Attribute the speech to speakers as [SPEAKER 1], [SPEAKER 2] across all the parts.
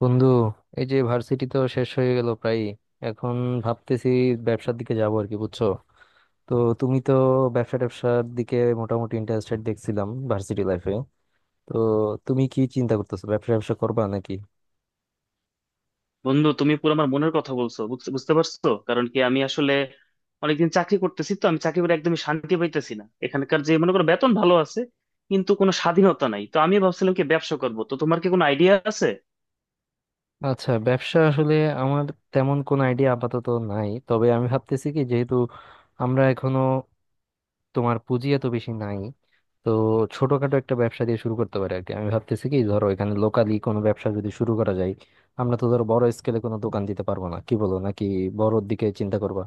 [SPEAKER 1] বন্ধু, এই যে ভার্সিটি তো শেষ হয়ে গেল প্রায়। এখন ভাবতেছি ব্যবসার দিকে যাবো আর কি, বুঝছো? তো তুমি তো ব্যবসা ট্যাবসার দিকে মোটামুটি ইন্টারেস্টেড দেখছিলাম ভার্সিটি লাইফে। তো তুমি কি চিন্তা করতেছো, ব্যবসা ব্যবসা করবা নাকি?
[SPEAKER 2] বন্ধু, তুমি পুরো আমার মনের কথা বলছো। বুঝতে বুঝতে পারছো? কারণ কি, আমি আসলে অনেকদিন চাকরি করতেছি। তো আমি চাকরি করে একদমই শান্তি পাইতেছি না। এখানকার যে, মনে করো, বেতন ভালো আছে, কিন্তু কোনো স্বাধীনতা নাই। তো আমি ভাবছিলাম কি ব্যবসা করবো। তো তোমার কি কোনো আইডিয়া আছে?
[SPEAKER 1] আচ্ছা, ব্যবসা আসলে আমার তেমন কোনো আইডিয়া আপাতত নাই, তবে আমি ভাবতেছি কি, যেহেতু আমরা এখনো তোমার পুঁজি এত বেশি নাই, তো ছোটখাটো একটা ব্যবসা দিয়ে শুরু করতে পারে আর কি। আমি ভাবতেছি কি, ধরো এখানে লোকালি কোনো ব্যবসা যদি শুরু করা যায়। আমরা তো ধরো বড় স্কেলে কোনো দোকান দিতে পারবো না, কি বলো, নাকি বড়োর দিকে চিন্তা করবা?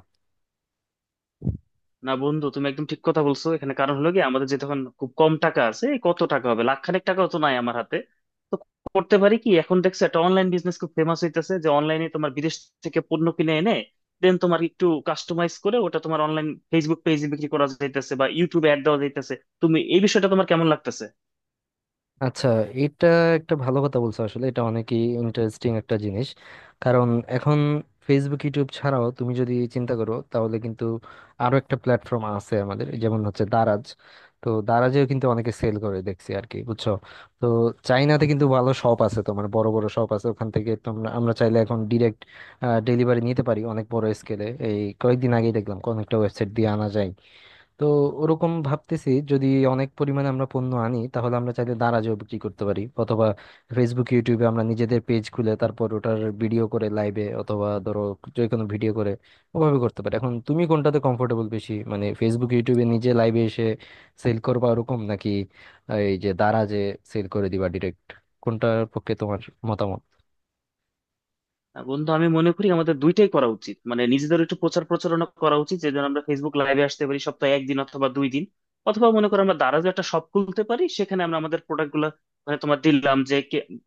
[SPEAKER 2] না বন্ধু, তুমি একদম ঠিক কথা বলছো। এখানে কারণ হলো কি, আমাদের যে তখন খুব কম টাকা আছে, এই কত টাকা হবে, লাখখানেক টাকাও তো নাই আমার হাতে। তো করতে পারি কি, এখন দেখছো একটা অনলাইন বিজনেস খুব ফেমাস হইতেছে, যে অনলাইনে তোমার বিদেশ থেকে পণ্য কিনে এনে দেন তোমার একটু কাস্টমাইজ করে ওটা তোমার অনলাইন ফেসবুক পেজে বিক্রি করা যাইতেছে বা ইউটিউবে অ্যাড দেওয়া যাইতেছে। তুমি এই বিষয়টা, তোমার কেমন লাগতেছে?
[SPEAKER 1] আচ্ছা, এটা একটা ভালো কথা বলছো আসলে, এটা অনেকই ইন্টারেস্টিং একটা জিনিস। কারণ এখন ফেসবুক ইউটিউব ছাড়াও তুমি যদি চিন্তা করো তাহলে কিন্তু আরো একটা প্ল্যাটফর্ম আছে আমাদের, যেমন হচ্ছে দারাজ। তো দারাজেও কিন্তু অনেকে সেল করে দেখছি আর কি, বুঝছো? তো চাইনাতে কিন্তু ভালো শপ আছে, তোমার বড় বড় শপ আছে, ওখান থেকে তোমরা আমরা চাইলে এখন ডিরেক্ট ডেলিভারি নিতে পারি অনেক বড় স্কেলে। এই কয়েকদিন আগেই দেখলাম কোন একটা ওয়েবসাইট দিয়ে আনা যায়। তো ওরকম ভাবতেছি, যদি অনেক পরিমাণে আমরা পণ্য আনি তাহলে আমরা চাইলে দারাজেও বিক্রি করতে পারি, অথবা ফেসবুক ইউটিউবে আমরা নিজেদের পেজ খুলে তারপর ওটার ভিডিও করে লাইভে, অথবা ধরো যে কোনো ভিডিও করে ওভাবে করতে পারি। এখন তুমি কোনটাতে কমফোর্টেবল বেশি, মানে ফেসবুক ইউটিউবে নিজে লাইভে এসে সেল করবা ওরকম, নাকি এই যে দারাজে সেল করে দিবা ডিরেক্ট, কোনটার পক্ষে তোমার মতামত?
[SPEAKER 2] না বন্ধু, আমি মনে করি আমাদের দুইটাই করা উচিত। মানে নিজেদের একটু প্রচার প্রচারণা করা উচিত। যেজন আমরা ফেসবুক লাইভে আসতে পারি সপ্তাহে একদিন অথবা দুই দিন। অথবা মনে করো আমরা দারাজও একটা শপ খুলতে পারি। সেখানে আমরা আমাদের প্রোডাক্ট গুলো, মানে তোমার দিলাম যে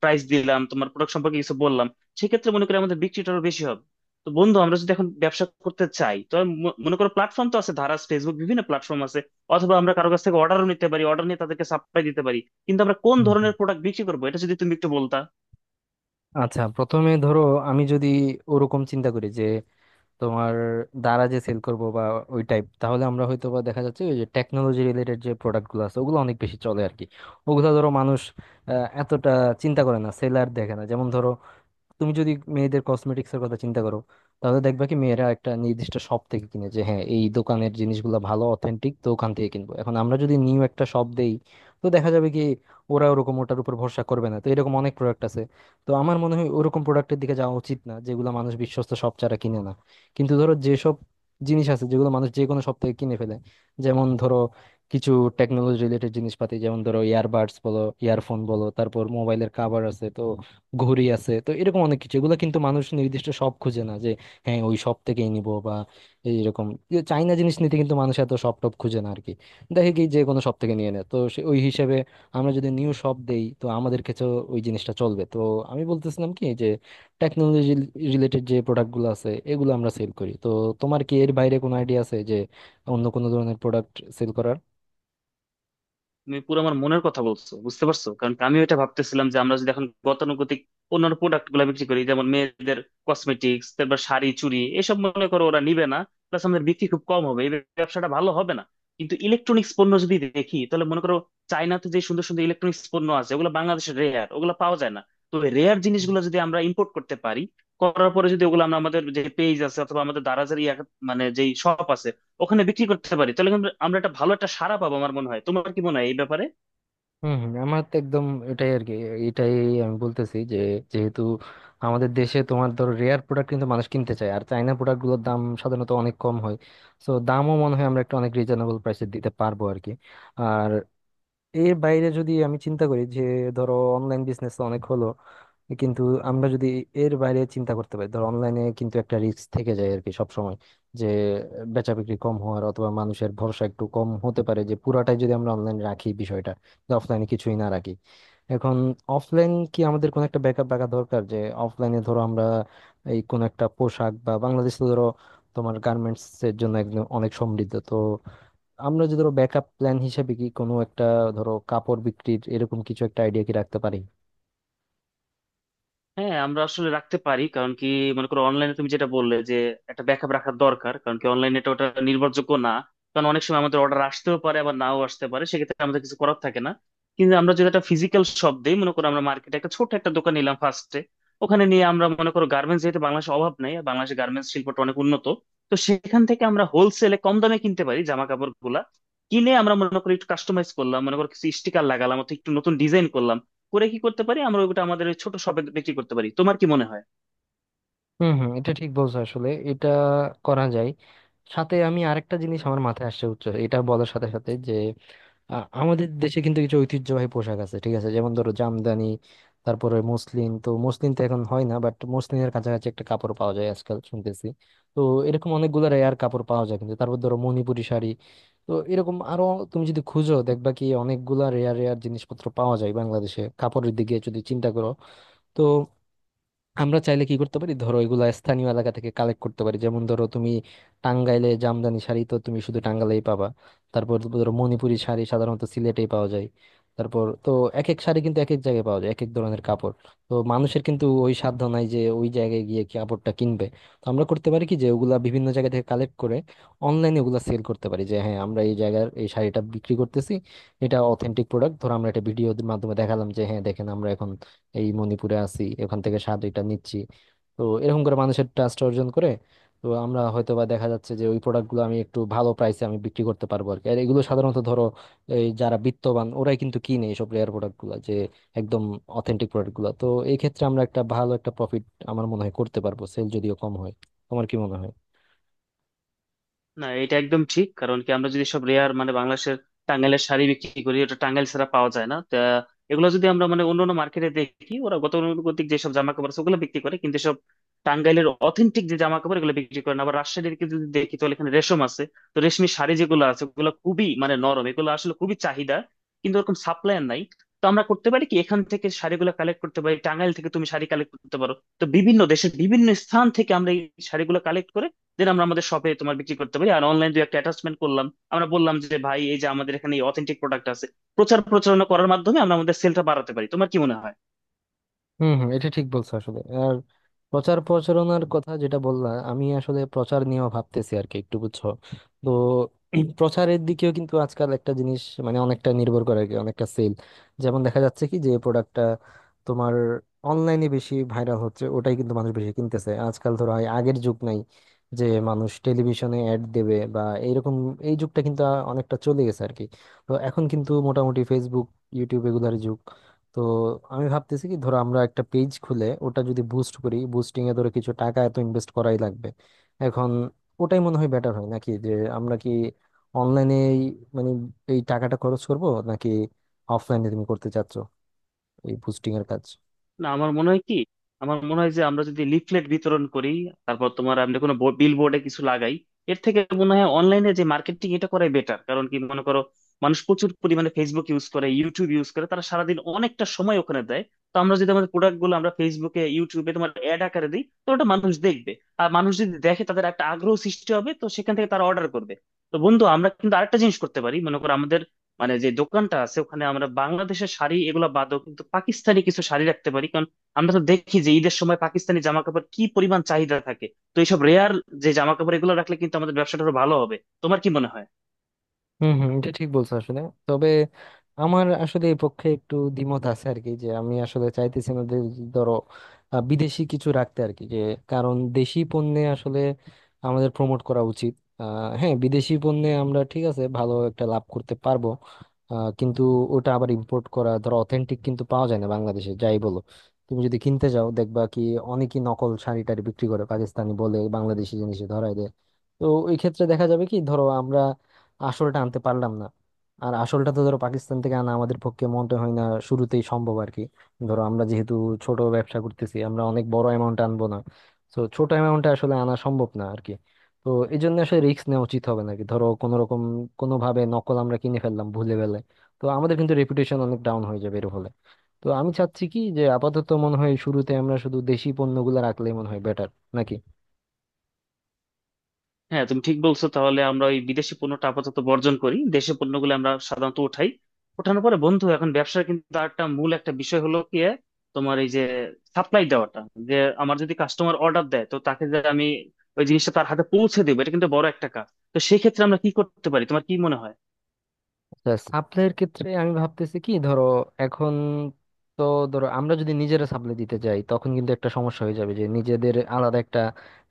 [SPEAKER 2] প্রাইস, দিলাম তোমার প্রোডাক্ট সম্পর্কে কিছু বললাম, সেক্ষেত্রে মনে করি আমাদের বিক্রিটা আরো বেশি হবে। তো বন্ধু, আমরা যদি এখন ব্যবসা করতে চাই, তো আমি মনে করো প্ল্যাটফর্ম তো আছে, ধারাস, ফেসবুক, বিভিন্ন প্ল্যাটফর্ম আছে। অথবা আমরা কারো কাছ থেকে অর্ডারও নিতে পারি, অর্ডার নিয়ে তাদেরকে সাপ্লাই দিতে পারি। কিন্তু আমরা কোন
[SPEAKER 1] হুম, হুম।
[SPEAKER 2] ধরনের প্রোডাক্ট বিক্রি করবো, এটা যদি তুমি একটু বলতা।
[SPEAKER 1] আচ্ছা, প্রথমে ধরো আমি যদি ওরকম চিন্তা করি যে তোমার দ্বারা যে সেল করব বা ওই টাইপ, তাহলে আমরা হয়তো বা দেখা যাচ্ছে ওই যে টেকনোলজি রিলেটেড যে প্রোডাক্টগুলো আছে, ওগুলো অনেক বেশি চলে আর কি। ওগুলো ধরো মানুষ এতটা চিন্তা করে না, সেলার দেখে না। যেমন ধরো তুমি যদি মেয়েদের কসমেটিক্স এর কথা চিন্তা করো, তাহলে দেখবা কি মেয়েরা একটা নির্দিষ্ট শপ থেকে কিনে, যে হ্যাঁ এই দোকানের জিনিসগুলো ভালো অথেন্টিক, তো ওখান থেকে কিনবো। এখন আমরা যদি নিউ একটা শপ দেই, তো দেখা যাবে কি ওরা ওরকম ওটার উপর ভরসা করবে না। তো এরকম অনেক প্রোডাক্ট আছে। তো আমার মনে হয় ওরকম প্রোডাক্টের দিকে যাওয়া উচিত না, যেগুলো মানুষ বিশ্বস্ত শপ ছাড়া কিনে না। কিন্তু ধরো যেসব জিনিস আছে যেগুলো মানুষ যে কোনো শপ থেকে কিনে ফেলে, যেমন ধরো কিছু টেকনোলজি রিলেটেড জিনিসপাতি, যেমন ধরো ইয়ারবাডস বলো, ইয়ারফোন বলো, তারপর মোবাইলের কাভার আছে তো, ঘড়ি আছে তো, এরকম অনেক কিছু, এগুলো কিন্তু মানুষ নির্দিষ্ট শপ খুঁজে না, যে হ্যাঁ ওই শপ থেকেই নিব বা এইরকম। যে চাইনা জিনিস নিতে কিন্তু মানুষ এত শপ টপ খুঁজে না আর কি, দেখে কি যে কোনো শপ থেকে নিয়ে নেয়। তো ওই হিসেবে আমরা যদি নিউ শপ দেই, তো আমাদের কাছে ওই জিনিসটা চলবে। তো আমি বলতেছিলাম কি যে টেকনোলজি রিলেটেড যে প্রোডাক্টগুলো আছে, এগুলো আমরা সেল করি। তো তোমার কি এর বাইরে কোনো আইডিয়া আছে যে অন্য কোনো ধরনের প্রোডাক্ট সেল করার?
[SPEAKER 2] তুমি পুরো আমার মনের কথা বলছো, বুঝতে পারছো? কারণ আমিও এটা ভাবতেছিলাম যে, আমরা যদি এখন গতানুগতিক অন্যান্য প্রোডাক্ট গুলা বিক্রি করি, যেমন মেয়েদের কসমেটিক্স, তারপর শাড়ি চুড়ি এসব, মনে করো ওরা নিবে না। প্লাস আমাদের বিক্রি খুব কম হবে, এই ব্যবসাটা ভালো হবে না। কিন্তু ইলেকট্রনিক্স পণ্য যদি দেখি, তাহলে মনে করো চায়নাতে যে সুন্দর সুন্দর ইলেকট্রনিক্স পণ্য আছে, ওগুলো বাংলাদেশের রেয়ার, ওগুলো পাওয়া যায় না। তো রেয়ার জিনিসগুলো যদি আমরা ইম্পোর্ট করতে পারি, করার পরে যদি ওগুলো আমরা আমাদের যে পেজ আছে অথবা আমাদের দারাজের ইয়া, মানে যেই শপ আছে ওখানে বিক্রি করতে পারি, তাহলে কিন্তু আমরা একটা ভালো একটা সাড়া পাবো আমার মনে হয়। তোমার কি মনে হয় এই ব্যাপারে?
[SPEAKER 1] হম হম, আমার তো একদম এটাই আর কি, এটাই আমি বলতেছি। যে যেহেতু আমাদের দেশে তোমার ধরো রেয়ার প্রোডাক্ট কিন্তু মানুষ কিনতে চায়, আর চাইনা প্রোডাক্ট গুলোর দাম সাধারণত অনেক কম হয়, সো দামও মনে হয় আমরা একটা অনেক রিজনেবল প্রাইসে দিতে পারবো আর কি। আর এর বাইরে যদি আমি চিন্তা করি যে ধরো অনলাইন বিজনেস অনেক হলো, কিন্তু আমরা যদি এর বাইরে চিন্তা করতে পারি, ধর অনলাইনে কিন্তু একটা রিস্ক থেকে যায় আর কি সব সময়, যে বেচা বিক্রি কম হওয়ার, অথবা মানুষের ভরসা একটু কম হতে পারে, যে পুরাটাই যদি আমরা অনলাইনে রাখি বিষয়টা, যে অফলাইনে কিছুই না রাখি। এখন অফলাইন কি আমাদের কোনো একটা ব্যাকআপ রাখা দরকার, যে অফলাইনে ধরো আমরা এই কোন একটা পোশাক, বা বাংলাদেশ তো ধরো তোমার গার্মেন্টস এর জন্য একদম অনেক সমৃদ্ধ, তো আমরা যদি ধরো ব্যাকআপ প্ল্যান হিসেবে কি কোনো একটা ধরো কাপড় বিক্রির এরকম কিছু একটা আইডিয়া কি রাখতে পারি?
[SPEAKER 2] হ্যাঁ, আমরা আসলে রাখতে পারি। কারণ কি, মনে করো অনলাইনে তুমি যেটা বললে, যে একটা ব্যাকআপ রাখার দরকার, কারণ কি অনলাইনে এটা ওটা নির্ভরযোগ্য না। কারণ অনেক সময় আমাদের অর্ডার আসতেও পারে আবার নাও আসতে পারে, সেক্ষেত্রে আমাদের কিছু করার থাকে না। কিন্তু আমরা যদি একটা ফিজিক্যাল শপ দিই, মনে করো আমরা মার্কেটে একটা ছোট একটা দোকান নিলাম ফার্স্টে, ওখানে নিয়ে আমরা মনে করো গার্মেন্টস, যেহেতু বাংলাদেশে অভাব নাই, আর বাংলাদেশের গার্মেন্টস শিল্পটা অনেক উন্নত, তো সেখান থেকে আমরা হোলসেলে কম দামে কিনতে পারি জামা কাপড় গুলা। কিনে আমরা মনে করি একটু কাস্টমাইজ করলাম, মনে করো কিছু স্টিকার লাগালাম অথবা একটু নতুন ডিজাইন করলাম, করে কি করতে পারি আমরা ওটা আমাদের ওই ছোট শপে বিক্রি করতে পারি। তোমার কি মনে হয়?
[SPEAKER 1] হুম হুম, এটা ঠিক বলছো আসলে, এটা করা যায়। সাথে আমি আরেকটা জিনিস আমার মাথায় আসছে উচ্চ, এটা বলার সাথে সাথে যে আমাদের দেশে কিন্তু কিছু ঐতিহ্যবাহী পোশাক আছে ঠিক আছে, যেমন ধরো জামদানি, তারপরে মসলিন। তো মসলিন তো এখন হয় না, বাট মসলিনের কাছাকাছি একটা কাপড় পাওয়া যায় আজকাল শুনতেছি। তো এরকম অনেকগুলো রেয়ার কাপড় পাওয়া যায় কিন্তু, তারপর ধরো মণিপুরী শাড়ি, তো এরকম আরো, তুমি যদি খুঁজো দেখবা কি অনেকগুলা রেয়ার রেয়ার জিনিসপত্র পাওয়া যায় বাংলাদেশে কাপড়ের দিকে যদি চিন্তা করো। তো আমরা চাইলে কি করতে পারি, ধরো এগুলা স্থানীয় এলাকা থেকে কালেক্ট করতে পারি। যেমন ধরো তুমি টাঙ্গাইলে জামদানি শাড়ি, তো তুমি শুধু টাঙ্গাইলেই পাবা। তারপর ধরো মণিপুরি শাড়ি সাধারণত সিলেটেই পাওয়া যায়। তারপর তো এক এক শাড়ি কিন্তু এক এক জায়গায় পাওয়া যায়, এক এক ধরনের কাপড়। তো মানুষের কিন্তু ওই সাধ্য নাই যে ওই জায়গায় গিয়ে কাপড়টা কিনবে। তো আমরা করতে পারি কি যে ওগুলা বিভিন্ন জায়গা থেকে কালেক্ট করে অনলাইনে ওগুলা সেল করতে পারি, যে হ্যাঁ আমরা এই জায়গার এই শাড়িটা বিক্রি করতেছি, এটা অথেন্টিক প্রোডাক্ট। ধরো আমরা একটা ভিডিওর মাধ্যমে দেখালাম যে হ্যাঁ দেখেন, আমরা এখন এই মণিপুরে আছি, এখান থেকে স্বাদ এটা নিচ্ছি। তো এরকম করে মানুষের ট্রাস্ট অর্জন করে তো আমরা হয়তো বা দেখা যাচ্ছে যে ওই প্রোডাক্টগুলো আমি একটু ভালো প্রাইসে আমি বিক্রি করতে পারবো আর কি। আর এগুলো সাধারণত ধরো এই যারা বিত্তবান ওরাই কিন্তু কিনে এইসব রেয়ার প্রোডাক্টগুলো, যে একদম অথেন্টিক প্রোডাক্টগুলো। তো এই ক্ষেত্রে আমরা একটা ভালো একটা প্রফিট আমার মনে হয় করতে পারবো, সেল যদিও কম হয়। তোমার কি মনে হয়?
[SPEAKER 2] না, এটা একদম ঠিক। কারণ কি, আমরা যদি সব রেয়ার, মানে বাংলাদেশের টাঙ্গাইলের শাড়ি বিক্রি করি, ওটা টাঙ্গাইল ছাড়া পাওয়া যায় না তা। এগুলো যদি আমরা, মানে অন্যান্য মার্কেটে দেখি, ওরা গতানুগতিক যেসব জামা কাপড় আছে ওগুলো বিক্রি করে, কিন্তু সব টাঙ্গাইলের অথেন্টিক যে জামা কাপড় এগুলো বিক্রি করে না। আবার রাজশাহীর দিকে যদি দেখি, তাহলে এখানে রেশম আছে। তো রেশমি শাড়ি যেগুলো আছে ওগুলো খুবই মানে নরম, এগুলো আসলে খুবই চাহিদা, কিন্তু ওরকম সাপ্লায়ার নাই। তো আমরা করতে পারি কি, এখান থেকে শাড়িগুলো কালেক্ট করতে পারি, টাঙ্গাইল থেকে তুমি শাড়ি কালেক্ট করতে পারো। তো বিভিন্ন দেশের বিভিন্ন স্থান থেকে আমরা এই শাড়িগুলো কালেক্ট করে দেন আমরা আমাদের শপে তোমার বিক্রি করতে পারি। আর অনলাইন দুই একটা অ্যাটাচমেন্ট করলাম, আমরা বললাম যে ভাই, এই যে আমাদের এখানে অথেন্টিক প্রোডাক্ট আছে, প্রচার প্রচারণা করার মাধ্যমে আমরা আমাদের সেলটা বাড়াতে পারি। তোমার কি মনে হয়?
[SPEAKER 1] হম হম, এটা ঠিক বলছো আসলে। আর প্রচার প্রচারণার কথা যেটা বললা, আমি আসলে প্রচার নিয়েও ভাবতেছি আর কি একটু, বুঝছো? তো প্রচারের দিকেও কিন্তু আজকাল একটা জিনিস মানে অনেকটা নির্ভর করে আর কি, অনেকটা সেল। যেমন দেখা যাচ্ছে কি যে প্রোডাক্টটা তোমার অনলাইনে বেশি ভাইরাল হচ্ছে ওটাই কিন্তু মানুষ বেশি কিনতেছে আজকাল। ধরো হয় আগের যুগ নাই যে মানুষ টেলিভিশনে অ্যাড দেবে বা এইরকম, এই যুগটা কিন্তু অনেকটা চলে গেছে আর কি। তো এখন কিন্তু মোটামুটি ফেসবুক ইউটিউব এগুলার যুগ। তো আমি ভাবতেছি কি, ধরো আমরা একটা পেজ খুলে ওটা যদি বুস্ট করি, বুস্টিং এ ধরো কিছু টাকা এত ইনভেস্ট করাই লাগবে। এখন ওটাই মনে হয় বেটার হয় নাকি, যে আমরা কি অনলাইনে মানে এই টাকাটা খরচ করব, নাকি অফলাইনে তুমি করতে চাচ্ছ এই বুস্টিং এর কাজ?
[SPEAKER 2] না, আমার মনে হয় কি, আমার মনে হয় যে আমরা যদি লিফলেট বিতরণ করি, তারপর তোমার আমরা কোনো বিল বোর্ডে কিছু লাগাই, এর থেকে মনে হয় অনলাইনে যে মার্কেটিং, এটা করাই বেটার। কারণ কি, মনে করো মানুষ প্রচুর পরিমাণে ফেসবুক ইউজ করে, ইউটিউব ইউজ করে, তারা সারাদিন অনেকটা সময় ওখানে দেয়। তো আমরা যদি আমাদের প্রোডাক্ট গুলো আমরা ফেসবুকে ইউটিউবে তোমার অ্যাড আকারে দিই, তো ওটা মানুষ দেখবে। আর মানুষ যদি দেখে, তাদের একটা আগ্রহ সৃষ্টি হবে, তো সেখান থেকে তারা অর্ডার করবে। তো বন্ধু, আমরা কিন্তু আরেকটা জিনিস করতে পারি। মনে করো আমাদের মানে যে দোকানটা আছে, ওখানে আমরা বাংলাদেশের শাড়ি এগুলো বাদও কিন্তু পাকিস্তানি কিছু শাড়ি রাখতে পারি। কারণ আমরা তো দেখি যে ঈদের সময় পাকিস্তানি জামা কাপড় কি পরিমাণ চাহিদা থাকে। তো এইসব রেয়ার যে জামা কাপড় এগুলো রাখলে কিন্তু আমাদের ব্যবসাটা আরো ভালো হবে। তোমার কি মনে হয়?
[SPEAKER 1] হম হম, এটা ঠিক বলছো আসলে। তবে আমার আসলে এই পক্ষে একটু দ্বিমত আছে আর কি, যে আমি আসলে চাইতেছি না যে ধরো বিদেশি কিছু রাখতে আর কি। যে কারণ দেশি পণ্যে আসলে আমাদের প্রমোট করা উচিত। হ্যাঁ, বিদেশি পণ্যে আমরা ঠিক আছে ভালো একটা লাভ করতে পারবো, কিন্তু ওটা আবার ইম্পোর্ট করা, ধরো অথেন্টিক কিন্তু পাওয়া যায় না বাংলাদেশে যাই বলো। তুমি যদি কিনতে যাও দেখবা কি অনেকই নকল শাড়ি টাড়ি বিক্রি করে, পাকিস্তানি বলে বাংলাদেশি জিনিসে ধরাই দেয়। তো এই ক্ষেত্রে দেখা যাবে কি ধরো আমরা আসলটা আনতে পারলাম না। আর আসলটা তো ধরো পাকিস্তান থেকে আনা আমাদের পক্ষে মনে হয় না শুরুতেই সম্ভব আর কি। ধরো আমরা যেহেতু ছোট ব্যবসা করতেছি, আমরা অনেক বড় অ্যামাউন্ট আনবো না। তো ছোট অ্যামাউন্টে আসলে আনা সম্ভব না আর কি। তো এই জন্য আসলে রিস্ক নেওয়া উচিত হবে নাকি, ধরো কোনো রকম কোনো ভাবে নকল আমরা কিনে ফেললাম ভুলে গেলে, তো আমাদের কিন্তু রেপুটেশন অনেক ডাউন হয়ে যাবে এর ফলে। তো আমি চাচ্ছি কি যে আপাতত মনে হয় শুরুতে আমরা শুধু দেশি পণ্যগুলো রাখলেই মনে হয় বেটার, নাকি?
[SPEAKER 2] হ্যাঁ, তুমি ঠিক বলছো। তাহলে আমরা ওই বিদেশি পণ্যটা আপাতত বর্জন করি, দেশি পণ্যগুলো আমরা সাধারণত উঠাই। ওঠানোর পরে বন্ধু, এখন ব্যবসার কিন্তু আরেকটা মূল একটা বিষয় হলো কি, তোমার এই যে সাপ্লাই দেওয়াটা, যে আমার যদি কাস্টমার অর্ডার দেয়, তো তাকে যে আমি ওই জিনিসটা তার হাতে পৌঁছে দেবো, এটা কিন্তু বড় একটা কাজ। তো সেক্ষেত্রে আমরা কি করতে পারি, তোমার কি মনে হয়?
[SPEAKER 1] সাপ্লাইয়ের ক্ষেত্রে আমি ভাবতেছি কি, ধরো এখন তো ধরো আমরা যদি নিজেরা সাপ্লাই দিতে যাই, তখন কিন্তু একটা সমস্যা হয়ে যাবে, যে নিজেদের আলাদা একটা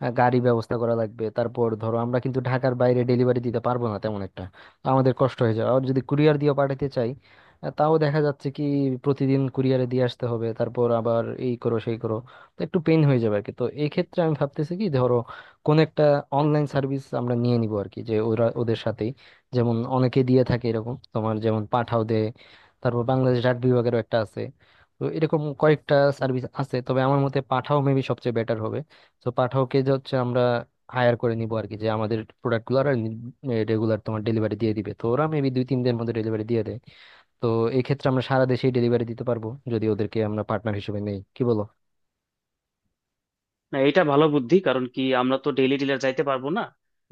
[SPEAKER 1] গাড়ি ব্যবস্থা করা লাগবে। তারপর ধরো আমরা কিন্তু ঢাকার বাইরে ডেলিভারি দিতে পারবো না তেমন একটা, তো আমাদের কষ্ট হয়ে যাবে। আর যদি কুরিয়ার দিয়ে পাঠাতে চাই, তাও দেখা যাচ্ছে কি প্রতিদিন কুরিয়ারে দিয়ে আসতে হবে, তারপর আবার এই করো সেই করো, তো একটু পেইন হয়ে যাবে আর কি। তো এই ক্ষেত্রে আমি ভাবতেছি কি, ধরো কোন একটা অনলাইন সার্ভিস আমরা নিয়ে নিবো আর কি, যে ওরা ওদের সাথেই, যেমন অনেকে দিয়ে থাকে এরকম, তোমার যেমন পাঠাও দেয়, তারপর বাংলাদেশ ডাক বিভাগেরও একটা আছে, তো এরকম কয়েকটা সার্ভিস আছে। তবে আমার মতে পাঠাও মেবি সবচেয়ে বেটার হবে। তো পাঠাওকে যে হচ্ছে আমরা হায়ার করে নিব আর কি, যে আমাদের প্রোডাক্টগুলো আর রেগুলার তোমার ডেলিভারি দিয়ে দিবে। তো ওরা মেবি দুই তিন দিনের মধ্যে ডেলিভারি দিয়ে দেয়। তো এই ক্ষেত্রে আমরা সারা দেশেই ডেলিভারি দিতে পারবো যদি ওদেরকে আমরা পার্টনার হিসেবে নেই, কি বলো?
[SPEAKER 2] না, এটা ভালো বুদ্ধি। কারণ কি, আমরা তো ডেইলি ডিলার যাইতে পারবো না।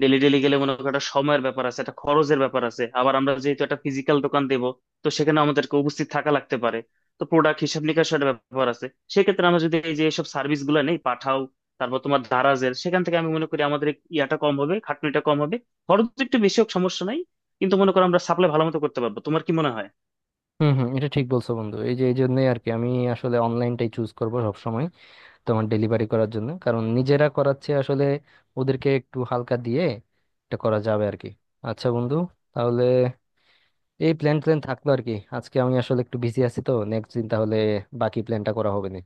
[SPEAKER 2] ডেইলি ডেইলি গেলে মনে করো একটা সময়ের ব্যাপার আছে, একটা খরচের ব্যাপার আছে। আবার আমরা যেহেতু একটা ফিজিক্যাল দোকান দেব, তো সেখানে আমাদেরকে উপস্থিত থাকা লাগতে পারে। তো প্রোডাক্ট হিসাব নিকাশের একটা ব্যাপার আছে। সেক্ষেত্রে আমরা যদি এই যে সব সার্ভিস গুলো নেই, পাঠাও, তারপর তোমার দারাজের, সেখান থেকে আমি মনে করি আমাদের ইয়াটা কম হবে, খাটনিটা কম হবে। খরচ একটু বেশি হোক, সমস্যা নাই, কিন্তু মনে করো আমরা সাপ্লাই ভালো মতো করতে পারবো। তোমার কি মনে হয়?
[SPEAKER 1] হুম হুম, এটা ঠিক বলছো বন্ধু। এই যে এই জন্যই আর কি আমি আসলে অনলাইনটাই চুজ করবো সবসময় তোমার ডেলিভারি করার জন্য, কারণ নিজেরা করাচ্ছে আসলে ওদেরকে একটু হালকা দিয়ে এটা করা যাবে আর কি। আচ্ছা বন্ধু, তাহলে এই প্ল্যান প্ল্যান থাকলো আর কি। আজকে আমি আসলে একটু বিজি আছি, তো নেক্সট দিন তাহলে বাকি প্ল্যানটা করা হবে না।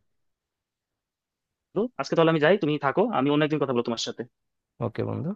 [SPEAKER 2] তো আজকে তাহলে আমি যাই, তুমি থাকো, আমি অন্য একদিন কথা বলবো তোমার সাথে।
[SPEAKER 1] ওকে বন্ধু।